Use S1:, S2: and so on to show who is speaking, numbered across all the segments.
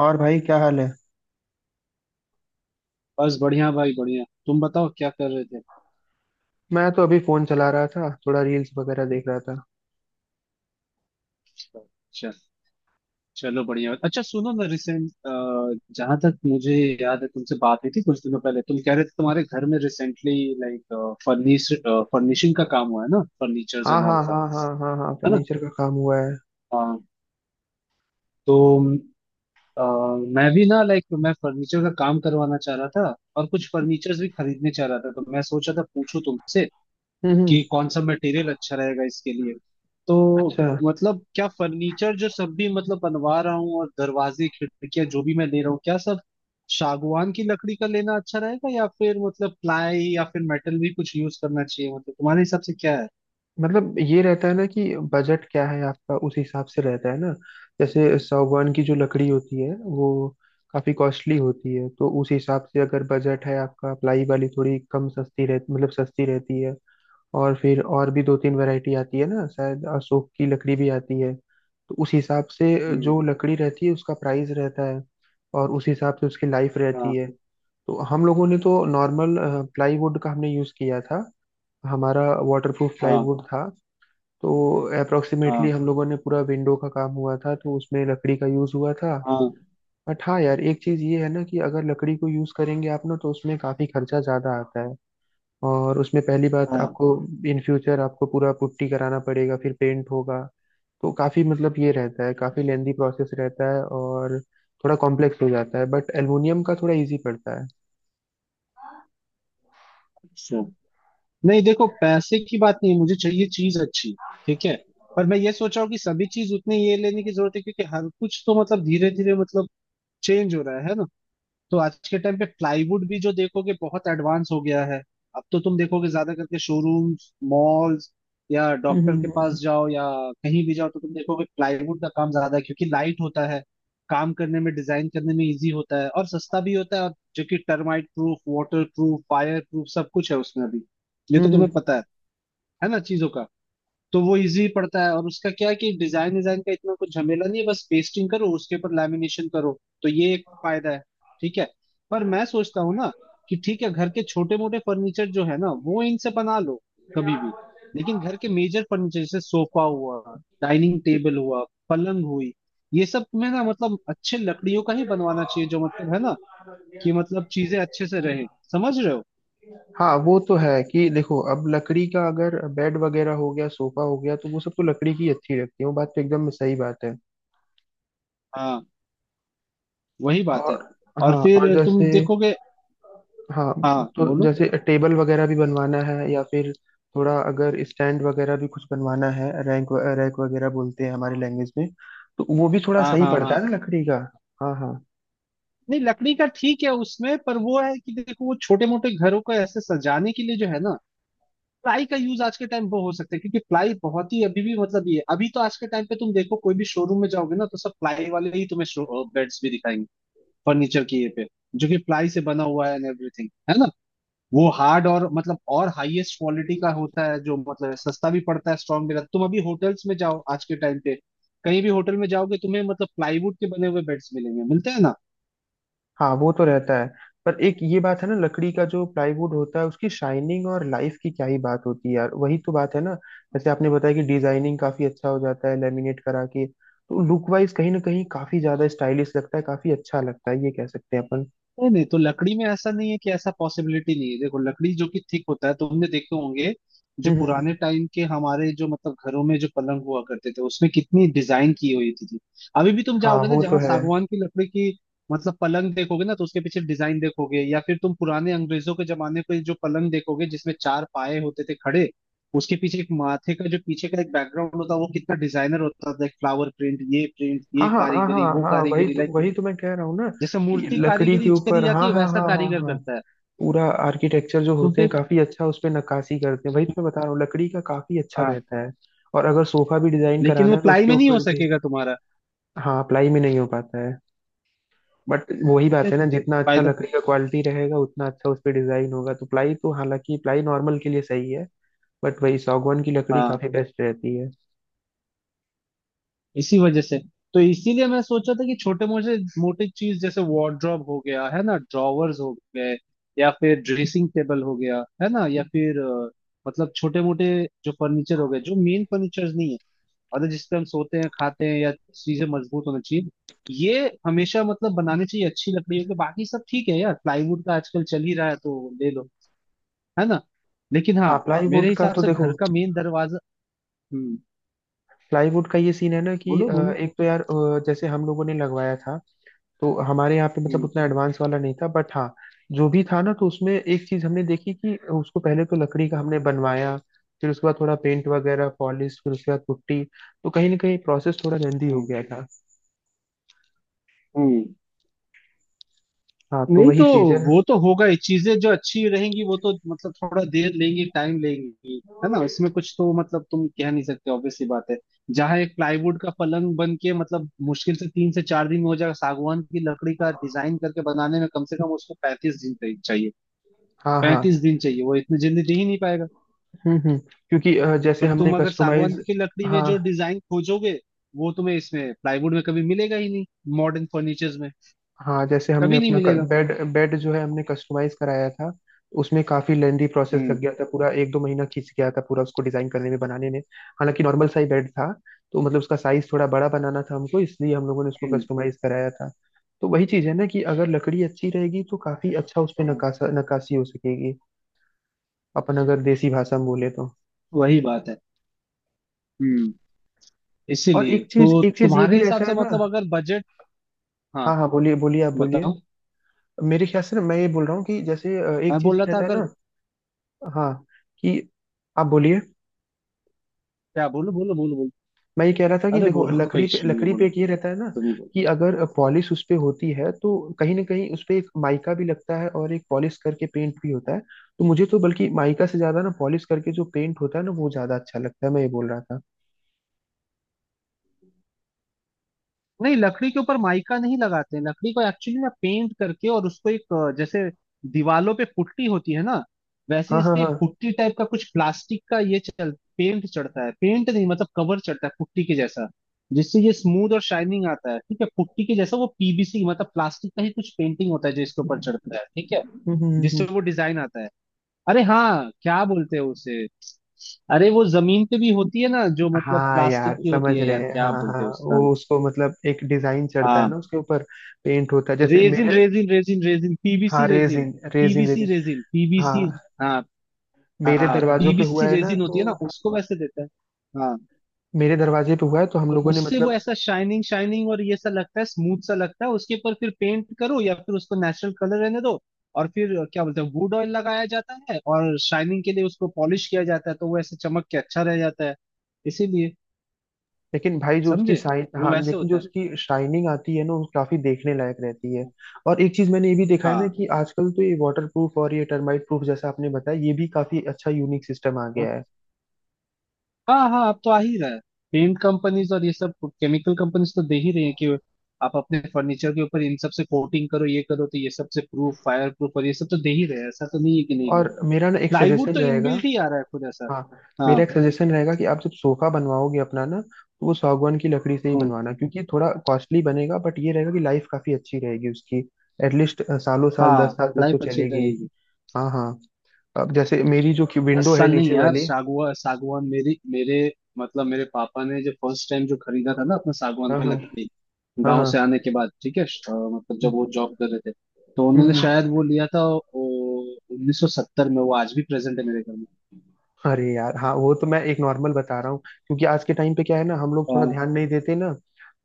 S1: और भाई क्या हाल है।
S2: बस बढ़िया भाई बढ़िया। तुम बताओ क्या कर रहे थे।
S1: मैं तो अभी फोन चला रहा था, थोड़ा रील्स वगैरह देख रहा था।
S2: अच्छा। चलो बढ़िया। अच्छा, सुनो ना, रिसेंट जहां तक मुझे याद है तुमसे बात हुई थी कुछ दिनों पहले, तुम कह रहे थे तुम्हारे घर में रिसेंटली लाइक फर्निशिंग का काम हुआ है ना, फर्नीचर्स
S1: हाँ
S2: एंड
S1: हाँ
S2: ऑल का।
S1: हाँ हाँ हाँ हाँ,
S2: है ना।
S1: फर्नीचर का काम हुआ है।
S2: हाँ। तो अ, मैं भी ना लाइक मैं फर्नीचर का काम करवाना चाह रहा था और कुछ फर्नीचर्स भी खरीदने चाह रहा था, तो मैं सोचा था पूछूं तुमसे
S1: हम्म हम्म,
S2: कि कौन सा मटेरियल अच्छा रहेगा इसके लिए। तो
S1: अच्छा।
S2: मतलब क्या फर्नीचर जो सब भी मतलब बनवा रहा हूँ और दरवाजे खिड़कियां जो भी मैं ले रहा हूँ, क्या सब सागवान की लकड़ी का लेना अच्छा रहेगा, या फिर मतलब प्लाई, या फिर मेटल भी कुछ यूज करना चाहिए? मतलब तुम्हारे हिसाब से क्या है।
S1: मतलब ये रहता है ना कि बजट क्या है आपका, उस हिसाब से रहता है ना। जैसे सागवान की जो लकड़ी होती है वो काफी कॉस्टली होती है, तो उस हिसाब से अगर बजट है आपका, प्लाई वाली थोड़ी कम सस्ती रह मतलब सस्ती रहती है। और फिर और भी दो तीन वैरायटी आती है ना, शायद अशोक की लकड़ी भी आती है, तो उस हिसाब से
S2: हम्म।
S1: जो लकड़ी रहती है उसका प्राइस रहता है। और उस हिसाब से उसकी लाइफ
S2: हाँ
S1: रहती है। तो हम लोगों ने तो नॉर्मल प्लाईवुड का हमने यूज़ किया था, हमारा वाटरप्रूफ
S2: हाँ
S1: प्लाईवुड था। तो अप्रोक्सीमेटली
S2: हाँ
S1: हम लोगों ने पूरा विंडो का काम हुआ था, तो उसमें लकड़ी का यूज़ हुआ था।
S2: हाँ
S1: बट हाँ यार, एक चीज़ ये है ना कि अगर लकड़ी को यूज़ करेंगे आप ना, तो उसमें काफ़ी खर्चा ज़्यादा आता है। और उसमें पहली बात
S2: हाँ।
S1: आपको इन फ्यूचर आपको पूरा पुट्टी कराना पड़ेगा, फिर पेंट होगा। तो काफ़ी मतलब ये रहता है, काफ़ी लेंदी प्रोसेस रहता है और थोड़ा कॉम्प्लेक्स हो जाता है, बट एल्युमिनियम का थोड़ा इजी पड़ता है।
S2: अच्छा। नहीं देखो, पैसे की बात नहीं है, मुझे चाहिए चीज अच्छी। ठीक है। पर मैं ये सोच रहा हूँ कि सभी चीज उतनी ये लेने की जरूरत है, क्योंकि हर कुछ तो मतलब धीरे धीरे मतलब चेंज हो रहा है ना। तो आज के टाइम पे प्लाईवुड भी जो देखोगे बहुत एडवांस हो गया है। अब तो तुम देखोगे ज्यादा करके शोरूम्स, मॉल्स या डॉक्टर
S1: हम्म
S2: के
S1: हम्म
S2: पास जाओ, या कहीं भी जाओ, तो तुम देखोगे प्लाईवुड का काम ज्यादा है, क्योंकि लाइट होता है, काम करने में डिजाइन करने में इजी होता है, और सस्ता भी होता है, और जो कि termite proof water proof fire proof सब कुछ है उसमें अभी। ये तो तुम्हें
S1: हम्म।
S2: पता है ना चीजों का। तो वो इजी पड़ता है, और उसका क्या है कि डिजाइन डिजाइन का इतना कुछ झमेला नहीं है, बस पेस्टिंग करो उसके ऊपर लैमिनेशन करो। तो ये एक फायदा है। ठीक है। पर मैं सोचता हूँ ना कि ठीक है, घर के छोटे मोटे फर्नीचर जो है ना वो इनसे बना लो कभी भी, लेकिन घर के मेजर फर्नीचर जैसे सोफा हुआ, डाइनिंग टेबल हुआ, पलंग हुई, ये सब में ना मतलब अच्छे लकड़ियों का ही बनवाना चाहिए, जो मतलब है ना कि मतलब चीजें अच्छे से रहे। समझ रहे हो?
S1: हाँ वो तो है कि देखो, अब लकड़ी का अगर बेड वगैरह हो गया, सोफा हो गया, तो वो सब तो लकड़ी की अच्छी रहती है। वो बात तो एकदम सही बात है।
S2: हाँ वही बात
S1: और
S2: है। और
S1: हाँ, और
S2: फिर
S1: जैसे,
S2: तुम देखोगे।
S1: हाँ,
S2: हाँ
S1: तो
S2: बोलो।
S1: जैसे टेबल वगैरह भी बनवाना है, या फिर थोड़ा अगर स्टैंड वगैरह भी कुछ बनवाना है, रैंक रैक वगैरह बोलते हैं हमारी लैंग्वेज में, तो वो भी थोड़ा
S2: हाँ
S1: सही
S2: हाँ
S1: पड़ता
S2: हाँ।
S1: है ना लकड़ी का। हाँ हाँ
S2: नहीं, लकड़ी का ठीक है उसमें, पर वो है कि देखो, वो छोटे मोटे घरों को ऐसे सजाने के लिए जो है ना, प्लाई का यूज आज के टाइम वो हो सकता है, क्योंकि प्लाई बहुत ही अभी भी मतलब ये अभी तो आज के टाइम पे तुम देखो कोई भी शोरूम में जाओगे ना तो सब प्लाई वाले ही तुम्हें बेड्स भी दिखाएंगे, फर्नीचर की ये पे, जो कि प्लाई से बना हुआ है एंड एवरीथिंग है ना। वो हार्ड और मतलब और हाईएस्ट क्वालिटी का होता है, जो मतलब सस्ता भी पड़ता है स्ट्रॉन्ग भी रहता है। तुम अभी होटल्स में जाओ आज के टाइम पे, कहीं भी होटल में जाओगे तुम्हें मतलब प्लाईवुड के बने हुए बेड्स मिलेंगे, मिलते हैं ना।
S1: हाँ, वो तो रहता है। पर एक ये बात है ना, लकड़ी का जो प्लाईवुड होता है, उसकी शाइनिंग और लाइफ की क्या ही बात होती है यार, वही तो बात है ना। जैसे आपने बताया कि डिजाइनिंग काफी अच्छा हो जाता है लेमिनेट करा के, तो लुक वाइज कहीं ना कहीं काफी ज्यादा स्टाइलिश लगता है, काफी अच्छा लगता है, ये कह सकते हैं अपन।
S2: नहीं नहीं, तो लकड़ी में ऐसा नहीं है कि ऐसा पॉसिबिलिटी नहीं है। देखो लकड़ी जो कि थिक होता है तुमने देखे होंगे, जो
S1: हम्म हम्म।
S2: पुराने टाइम के हमारे जो मतलब घरों में जो पलंग हुआ करते थे उसमें कितनी डिजाइन की हुई थी। अभी भी तुम
S1: हाँ
S2: जाओगे ना
S1: वो तो
S2: जहाँ
S1: है।
S2: सागवान की लकड़ी की मतलब पलंग देखोगे ना तो उसके पीछे डिजाइन देखोगे, या फिर तुम पुराने अंग्रेजों के जमाने के जो पलंग देखोगे जिसमें चार पाए होते थे खड़े, उसके पीछे एक माथे का जो पीछे का एक बैकग्राउंड होता है वो कितना डिजाइनर होता था, फ्लावर प्रिंट, ये प्रिंट,
S1: हाँ
S2: ये
S1: हाँ हाँ
S2: कारीगरी,
S1: हाँ
S2: वो
S1: हाँ, वही
S2: कारीगरी,
S1: तो,
S2: लाइक
S1: वही तो मैं कह रहा हूँ ना,
S2: जैसे
S1: कि
S2: मूर्ति
S1: लकड़ी के
S2: कारीगरी
S1: ऊपर
S2: करी जाती
S1: हाँ
S2: है
S1: हाँ
S2: वैसा
S1: हाँ हाँ
S2: कारीगर
S1: हाँ,
S2: करता है।
S1: पूरा आर्किटेक्चर जो
S2: तो
S1: होते हैं
S2: फिर
S1: काफी अच्छा उस पे नक्काशी करते हैं, वही तो मैं बता रहा हूँ, लकड़ी का काफी अच्छा
S2: हाँ,
S1: रहता है। और अगर सोफा भी डिजाइन
S2: लेकिन
S1: कराना
S2: वो
S1: है तो
S2: प्लाई
S1: उसके
S2: में नहीं हो
S1: ऊपर भी।
S2: सकेगा तुम्हारा।
S1: हाँ, प्लाई में नहीं हो पाता है, बट वही
S2: तो
S1: बात है
S2: फिर
S1: ना, जितना अच्छा
S2: फायदा।
S1: लकड़ी का क्वालिटी रहेगा उतना अच्छा उस पे डिजाइन होगा। तो प्लाई तो हालांकि प्लाई नॉर्मल के लिए सही है, बट वही सागवान की लकड़ी
S2: हाँ
S1: काफी बेस्ट रहती है।
S2: इसी वजह से। तो इसीलिए मैं सोचा था कि छोटे मोटे मोटे चीज जैसे वार्डरोब हो गया है ना, ड्रॉवर्स हो गए, या फिर ड्रेसिंग टेबल हो गया है ना, या फिर मतलब छोटे मोटे जो फर्नीचर हो गए जो मेन फर्नीचर नहीं है, और जिस पे हम सोते हैं खाते हैं या चीजें मजबूत होना चाहिए, ये हमेशा मतलब बनानी चाहिए अच्छी लकड़ियों के। बाकी सब ठीक है यार, प्लाईवुड का आजकल चल ही रहा है तो ले लो। है ना। लेकिन हाँ,
S1: हाँ
S2: मेरे
S1: प्लाईवुड का
S2: हिसाब
S1: तो
S2: से
S1: देखो,
S2: घर का मेन दरवाजा। हम्म।
S1: प्लाईवुड का ये सीन है ना कि
S2: बोलो बोलो।
S1: एक तो यार जैसे हम लोगों ने लगवाया था, तो हमारे यहाँ पे मतलब
S2: हम्म
S1: उतना एडवांस वाला नहीं था, बट हाँ जो भी था ना, तो उसमें एक चीज हमने देखी कि उसको पहले तो लकड़ी का हमने बनवाया, फिर उसके बाद थोड़ा पेंट वगैरह पॉलिश, फिर उसके बाद पुट्टी, तो कहीं ना कहीं प्रोसेस थोड़ा लेंदी हो
S2: हम्म
S1: गया था।
S2: हम्म।
S1: हाँ तो
S2: नहीं
S1: वही
S2: तो
S1: चीज है।
S2: वो तो होगा ही, चीजें जो अच्छी रहेंगी वो तो मतलब थोड़ा देर लेंगी टाइम लेंगी है ना, इसमें कुछ तो मतलब तुम कह नहीं सकते, ऑब्वियसली बात है। जहां एक प्लाईवुड का पलंग बन के मतलब मुश्किल से 3 से 4 दिन में हो जाएगा, सागवान की लकड़ी का डिजाइन करके बनाने में कम से कम उसको 35 दिन चाहिए चाहिए
S1: हाँ
S2: पैंतीस
S1: हाँ।
S2: दिन चाहिए, वो इतनी जल्दी दे ही नहीं पाएगा।
S1: हम्म। क्योंकि जैसे
S2: पर
S1: हमने
S2: तुम अगर सागवान
S1: कस्टमाइज,
S2: की लकड़ी में
S1: हाँ
S2: जो डिजाइन खोजोगे, वो तुम्हें इसमें प्लाईवुड में कभी मिलेगा ही नहीं, मॉडर्न फर्नीचर्स में
S1: हाँ, जैसे हमने
S2: कभी नहीं
S1: अपना
S2: मिलेगा।
S1: बेड बेड जो है हमने कस्टमाइज कराया था, उसमें काफी लेंदी प्रोसेस लग
S2: हम्म
S1: गया था, पूरा 1-2 महीना खींच गया था पूरा, उसको डिजाइन करने में बनाने में। हालांकि नॉर्मल साइज बेड था, तो मतलब उसका साइज थोड़ा बड़ा बनाना था हमको, इसलिए हम लोगों ने उसको
S2: हम्म।
S1: कस्टमाइज कराया था। तो वही चीज है ना कि अगर लकड़ी अच्छी रहेगी तो काफी अच्छा उस पे
S2: हाँ,
S1: नकाशा नक्काशी हो सकेगी, अपन अगर देसी भाषा में बोले तो।
S2: वही बात है। हम्म।
S1: और
S2: इसीलिए
S1: एक चीज,
S2: तो
S1: एक चीज ये भी
S2: तुम्हारे हिसाब
S1: रहता है
S2: से
S1: ना।
S2: मतलब अगर बजट।
S1: हाँ
S2: हाँ
S1: हाँ बोलिए बोलिए, आप बोलिए।
S2: बताओ।
S1: मेरे ख्याल से ना, मैं ये बोल रहा हूँ कि जैसे एक
S2: मैं
S1: चीज
S2: बोल रहा
S1: ये
S2: था
S1: रहता है
S2: अगर।
S1: ना, हाँ, कि आप बोलिए।
S2: क्या? बोलो बोलो बोलो बोलो।
S1: मैं ये कह रहा था कि
S2: अरे
S1: देखो,
S2: बोलो, कोई
S1: लकड़ी पे
S2: इशू नहीं है,
S1: लकड़ी पे
S2: बोलो।
S1: एक ये रहता है ना
S2: तुम ही बोलो।
S1: कि अगर पॉलिश उस पे होती है तो कहीं ना कहीं उस पे एक माइका भी लगता है, और एक पॉलिश करके पेंट भी होता है। तो मुझे तो बल्कि माइका से ज्यादा ना पॉलिश करके जो पेंट होता है ना वो ज्यादा अच्छा लगता है, मैं ये बोल रहा था।
S2: नहीं, लकड़ी के ऊपर माइका नहीं लगाते हैं, लकड़ी को एक्चुअली ना पेंट करके और उसको एक जैसे दीवालों पे पुट्टी होती है ना, वैसे
S1: हाँ
S2: इस
S1: हाँ
S2: पे
S1: हाँ।
S2: एक पुट्टी टाइप का कुछ प्लास्टिक का ये चल पेंट चढ़ता है, पेंट नहीं मतलब कवर चढ़ता है पुट्टी के जैसा, जिससे ये स्मूथ और शाइनिंग आता है। ठीक है, पुट्टी के जैसा वो पीवीसी मतलब प्लास्टिक का ही कुछ पेंटिंग होता है जो इसके ऊपर चढ़ता है। ठीक है,
S1: हम्म हम्म हम्म
S2: जिससे
S1: हम्म।
S2: वो डिजाइन आता है। अरे हाँ, क्या बोलते हैं उसे? अरे वो जमीन पे भी होती है ना, जो मतलब
S1: हाँ
S2: प्लास्टिक
S1: यार
S2: की होती
S1: समझ
S2: है
S1: रहे
S2: यार,
S1: हैं,
S2: क्या
S1: हाँ हाँ,
S2: बोलते हैं उसका?
S1: वो उसको मतलब एक डिजाइन चढ़ता है ना
S2: हाँ,
S1: उसके ऊपर, पेंट होता है, जैसे
S2: रेजिन
S1: मेरे,
S2: रेजिन रेजिन रेजिन, पीवीसी
S1: हाँ,
S2: resin.
S1: Resin resin
S2: PVC
S1: resin,
S2: resin,
S1: हाँ।
S2: पीवीसी। हाँ।
S1: मेरे
S2: हाँ
S1: दरवाजों पे हुआ
S2: पीवीसी
S1: है ना,
S2: रेजिन होती
S1: तो
S2: है ना, उसको वैसे देता है। हाँ।
S1: मेरे दरवाजे पे हुआ है तो हम
S2: तो
S1: लोगों ने
S2: उससे वो
S1: मतलब,
S2: ऐसा शाइनिंग शाइनिंग और ये सा लगता है, स्मूथ सा लगता है, उसके ऊपर फिर पेंट करो या फिर उसको नेचुरल कलर रहने दो। और फिर क्या बोलते हैं, वुड ऑयल लगाया जाता है, और शाइनिंग के लिए उसको पॉलिश किया जाता है, तो वो ऐसे चमक के अच्छा रह जाता है। इसीलिए।
S1: लेकिन भाई जो उसकी
S2: समझे।
S1: शाइन, हाँ
S2: वो वैसे
S1: लेकिन जो
S2: होता है।
S1: उसकी शाइनिंग आती है ना वो काफी देखने लायक रहती है। और एक चीज मैंने ये भी देखा है ना
S2: हाँ
S1: कि आजकल तो ये वाटर प्रूफ और ये टर्माइट प्रूफ जैसा आपने बताया, ये भी काफी अच्छा यूनिक सिस्टम आ
S2: हाँ
S1: गया है।
S2: हाँ। हाँ, अब तो आ ही रहा है, पेंट कंपनीज और ये सब केमिकल कंपनीज तो दे ही रही है कि आप अपने फर्नीचर के ऊपर इन सब से कोटिंग करो, ये करो, तो ये सब से प्रूफ फायर प्रूफ और ये सब तो दे ही रहे हैं, ऐसा तो नहीं है कि नहीं दे रहे।
S1: और मेरा ना एक
S2: प्लाईवुड
S1: सजेशन
S2: तो
S1: रहेगा,
S2: इनबिल्ट ही आ रहा है खुद ऐसा।
S1: हाँ, मेरा
S2: हाँ।
S1: एक सजेशन रहेगा कि आप जब सोफा बनवाओगे अपना ना, तो वो सागवान की लकड़ी से ही
S2: हम्म,
S1: बनवाना, क्योंकि ये थोड़ा कॉस्टली बनेगा बट ये रहेगा कि लाइफ काफी अच्छी रहेगी उसकी। एटलीस्ट सालों साल, दस
S2: हाँ
S1: साल तक तो
S2: लाइफ अच्छी
S1: चलेगी।
S2: रहेगी।
S1: हाँ हाँ। अब जैसे मेरी जो
S2: दस
S1: विंडो है
S2: साल नहीं
S1: नीचे
S2: यार,
S1: वाली,
S2: सागवान, मेरी मेरे मतलब मेरे पापा ने जो फर्स्ट टाइम जो खरीदा था ना अपना सागवान
S1: हाँ
S2: का
S1: हाँ
S2: लकड़ी
S1: हाँ
S2: गांव से आने
S1: हाँ,
S2: के बाद, ठीक है, मतलब जब
S1: हम्म
S2: वो जॉब कर रहे थे तो उन्होंने
S1: हम्म।
S2: शायद वो लिया था 1970 में, वो आज भी प्रेजेंट है मेरे घर में।
S1: अरे यार हाँ, वो तो मैं एक नॉर्मल बता रहा हूँ, क्योंकि आज के टाइम पे क्या है ना, हम लोग थोड़ा
S2: हाँ
S1: ध्यान नहीं देते ना,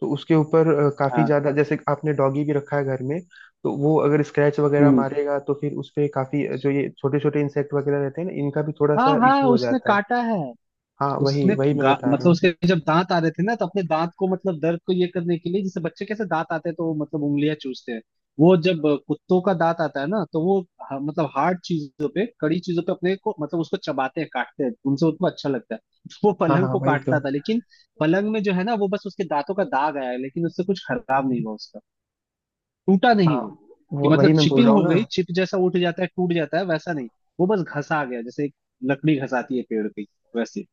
S1: तो उसके ऊपर काफी
S2: हाँ।
S1: ज्यादा, जैसे आपने डॉगी भी रखा है घर में, तो वो अगर स्क्रैच वगैरह
S2: हम्म।
S1: मारेगा तो फिर उस पे काफी जो ये छोटे छोटे इंसेक्ट वगैरह रहते हैं ना, इनका भी थोड़ा
S2: हाँ
S1: सा
S2: हाँ,
S1: इशू हो
S2: उसने
S1: जाता है।
S2: काटा है।
S1: हाँ वही
S2: उसने
S1: वही मैं बता रहा
S2: मतलब
S1: हूँ।
S2: उसके जब दांत आ रहे थे ना तो अपने दांत को मतलब दर्द को ये करने के लिए, जैसे बच्चे कैसे दांत आते हैं तो वो मतलब उंगलियां चूसते हैं, वो जब कुत्तों का दांत आता है ना तो वो मतलब हार्ड चीजों पे कड़ी चीजों पे अपने को मतलब उसको चबाते हैं काटते हैं, उनसे उनको अच्छा लगता है वो
S1: हाँ
S2: पलंग
S1: हाँ,
S2: को
S1: वही तो।
S2: काटता था, लेकिन पलंग में जो है ना वो बस उसके दांतों का दाग आया है, लेकिन उससे कुछ खराब नहीं हुआ उसका, टूटा
S1: हाँ,
S2: नहीं वो। कि
S1: वो
S2: मतलब
S1: वही मैं बोल
S2: चिपिंग
S1: रहा हूँ
S2: हो
S1: ना।
S2: गई, चिप जैसा उठ जाता है टूट जाता है वैसा नहीं, वो बस घसा गया जैसे एक लकड़ी घसाती है पेड़ की वैसे।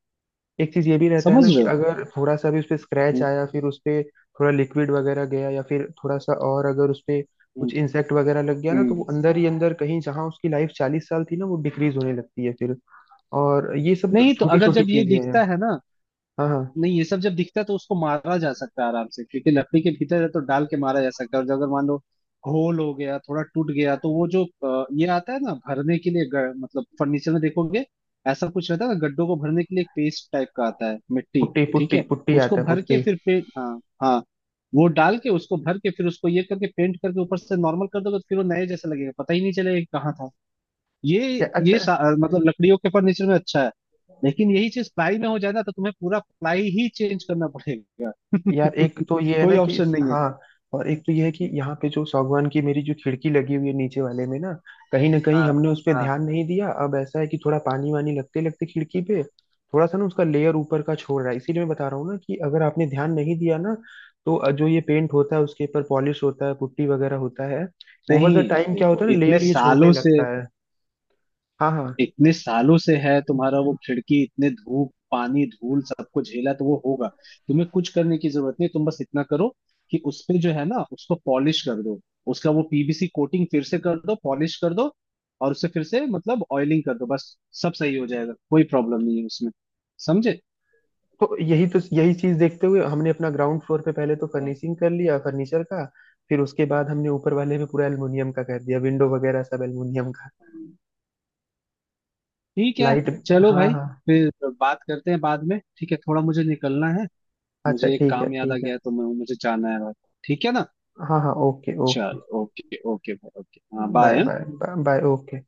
S1: एक चीज ये भी रहता है
S2: समझ
S1: ना कि
S2: रहे
S1: अगर थोड़ा सा भी उस पे स्क्रैच
S2: हो?
S1: आया, फिर उस पे थोड़ा लिक्विड वगैरह गया, या फिर थोड़ा सा, और अगर उस पे
S2: हम्म,
S1: कुछ इंसेक्ट वगैरह लग गया ना, तो वो
S2: हम्म।
S1: अंदर ही अंदर कहीं, जहां उसकी लाइफ 40 साल थी ना वो डिक्रीज होने लगती है फिर। और ये सब
S2: नहीं तो
S1: छोटी
S2: अगर
S1: छोटी
S2: जब ये
S1: चीजें
S2: दिखता
S1: हैं।
S2: है ना,
S1: हाँ हाँ।
S2: नहीं ये सब जब दिखता है तो उसको मारा जा सकता है आराम से, क्योंकि लकड़ी के भीतर है तो डाल के मारा जा सकता है, और जब अगर मान लो होल हो गया थोड़ा टूट गया तो वो जो ये आता है ना भरने के लिए, मतलब फर्नीचर में देखोगे ऐसा कुछ रहता है ना गड्ढों को भरने के लिए, एक पेस्ट टाइप का आता है, मिट्टी।
S1: पुट्टी
S2: ठीक
S1: पुट्टी
S2: है,
S1: पुट्टी
S2: उसको
S1: आता है,
S2: भर के
S1: पुट्टी।
S2: फिर पेंट, हाँ हाँ, वो डाल के उसको भर के फिर उसको ये करके पेंट करके ऊपर से नॉर्मल कर दोगे, तो फिर वो नए जैसा लगेगा, पता ही नहीं चलेगा कि कहाँ था ये।
S1: या अच्छा।
S2: ये मतलब लकड़ियों के फर्नीचर में अच्छा है, लेकिन यही चीज प्लाई में हो जाए ना तो तुम्हें पूरा प्लाई ही चेंज करना पड़ेगा
S1: यार एक तो ये है
S2: कोई
S1: ना कि,
S2: ऑप्शन नहीं है।
S1: हाँ, और एक तो ये है कि यहाँ पे जो सागवान की मेरी जो खिड़की लगी हुई है नीचे वाले में ना, कहीं ना कहीं
S2: हाँ
S1: हमने उस पर
S2: हाँ।
S1: ध्यान नहीं दिया। अब ऐसा है कि थोड़ा पानी वानी लगते लगते खिड़की पे, थोड़ा सा ना उसका लेयर ऊपर का छोड़ रहा है। इसीलिए मैं बता रहा हूँ ना कि अगर आपने ध्यान नहीं दिया ना, तो जो ये पेंट होता है उसके ऊपर पॉलिश होता है, पुट्टी वगैरह होता है, ओवर द
S2: नहीं
S1: टाइम क्या
S2: देखो,
S1: होता है ना,
S2: इतने
S1: लेयर ये छोड़ने
S2: सालों से,
S1: लगता है। हाँ हाँ।
S2: इतने सालों से है तुम्हारा वो खिड़की, इतने धूप पानी धूल सबको झेला तो वो होगा। तुम्हें कुछ करने की जरूरत नहीं, तुम बस इतना करो कि उस पे जो है ना उसको पॉलिश कर दो, उसका वो पीवीसी कोटिंग फिर से कर दो, पॉलिश कर दो, और उसे फिर से मतलब ऑयलिंग कर दो बस, सब सही हो जाएगा, कोई प्रॉब्लम नहीं है उसमें। समझे।
S1: तो यही, तो यही चीज देखते हुए हमने अपना ग्राउंड फ्लोर पे पहले तो फर्निशिंग कर लिया फर्नीचर का, फिर उसके बाद हमने ऊपर वाले में पूरा एल्युमिनियम का कर दिया, विंडो वगैरह सब एल्युमिनियम का।
S2: हम्म। ठीक है।
S1: लाइट।
S2: चलो
S1: हाँ
S2: भाई,
S1: हाँ।
S2: फिर बात करते हैं बाद में, ठीक है, थोड़ा मुझे निकलना है।
S1: अच्छा
S2: मुझे एक
S1: ठीक है,
S2: काम याद आ
S1: ठीक
S2: गया
S1: है।
S2: है तो मैं, मुझे जाना है भाई, ठीक है ना।
S1: हाँ हाँ, ओके ओके।
S2: चलो ओके ओके भाई ओके, हाँ
S1: bye
S2: bye.
S1: Bye. Bye okay.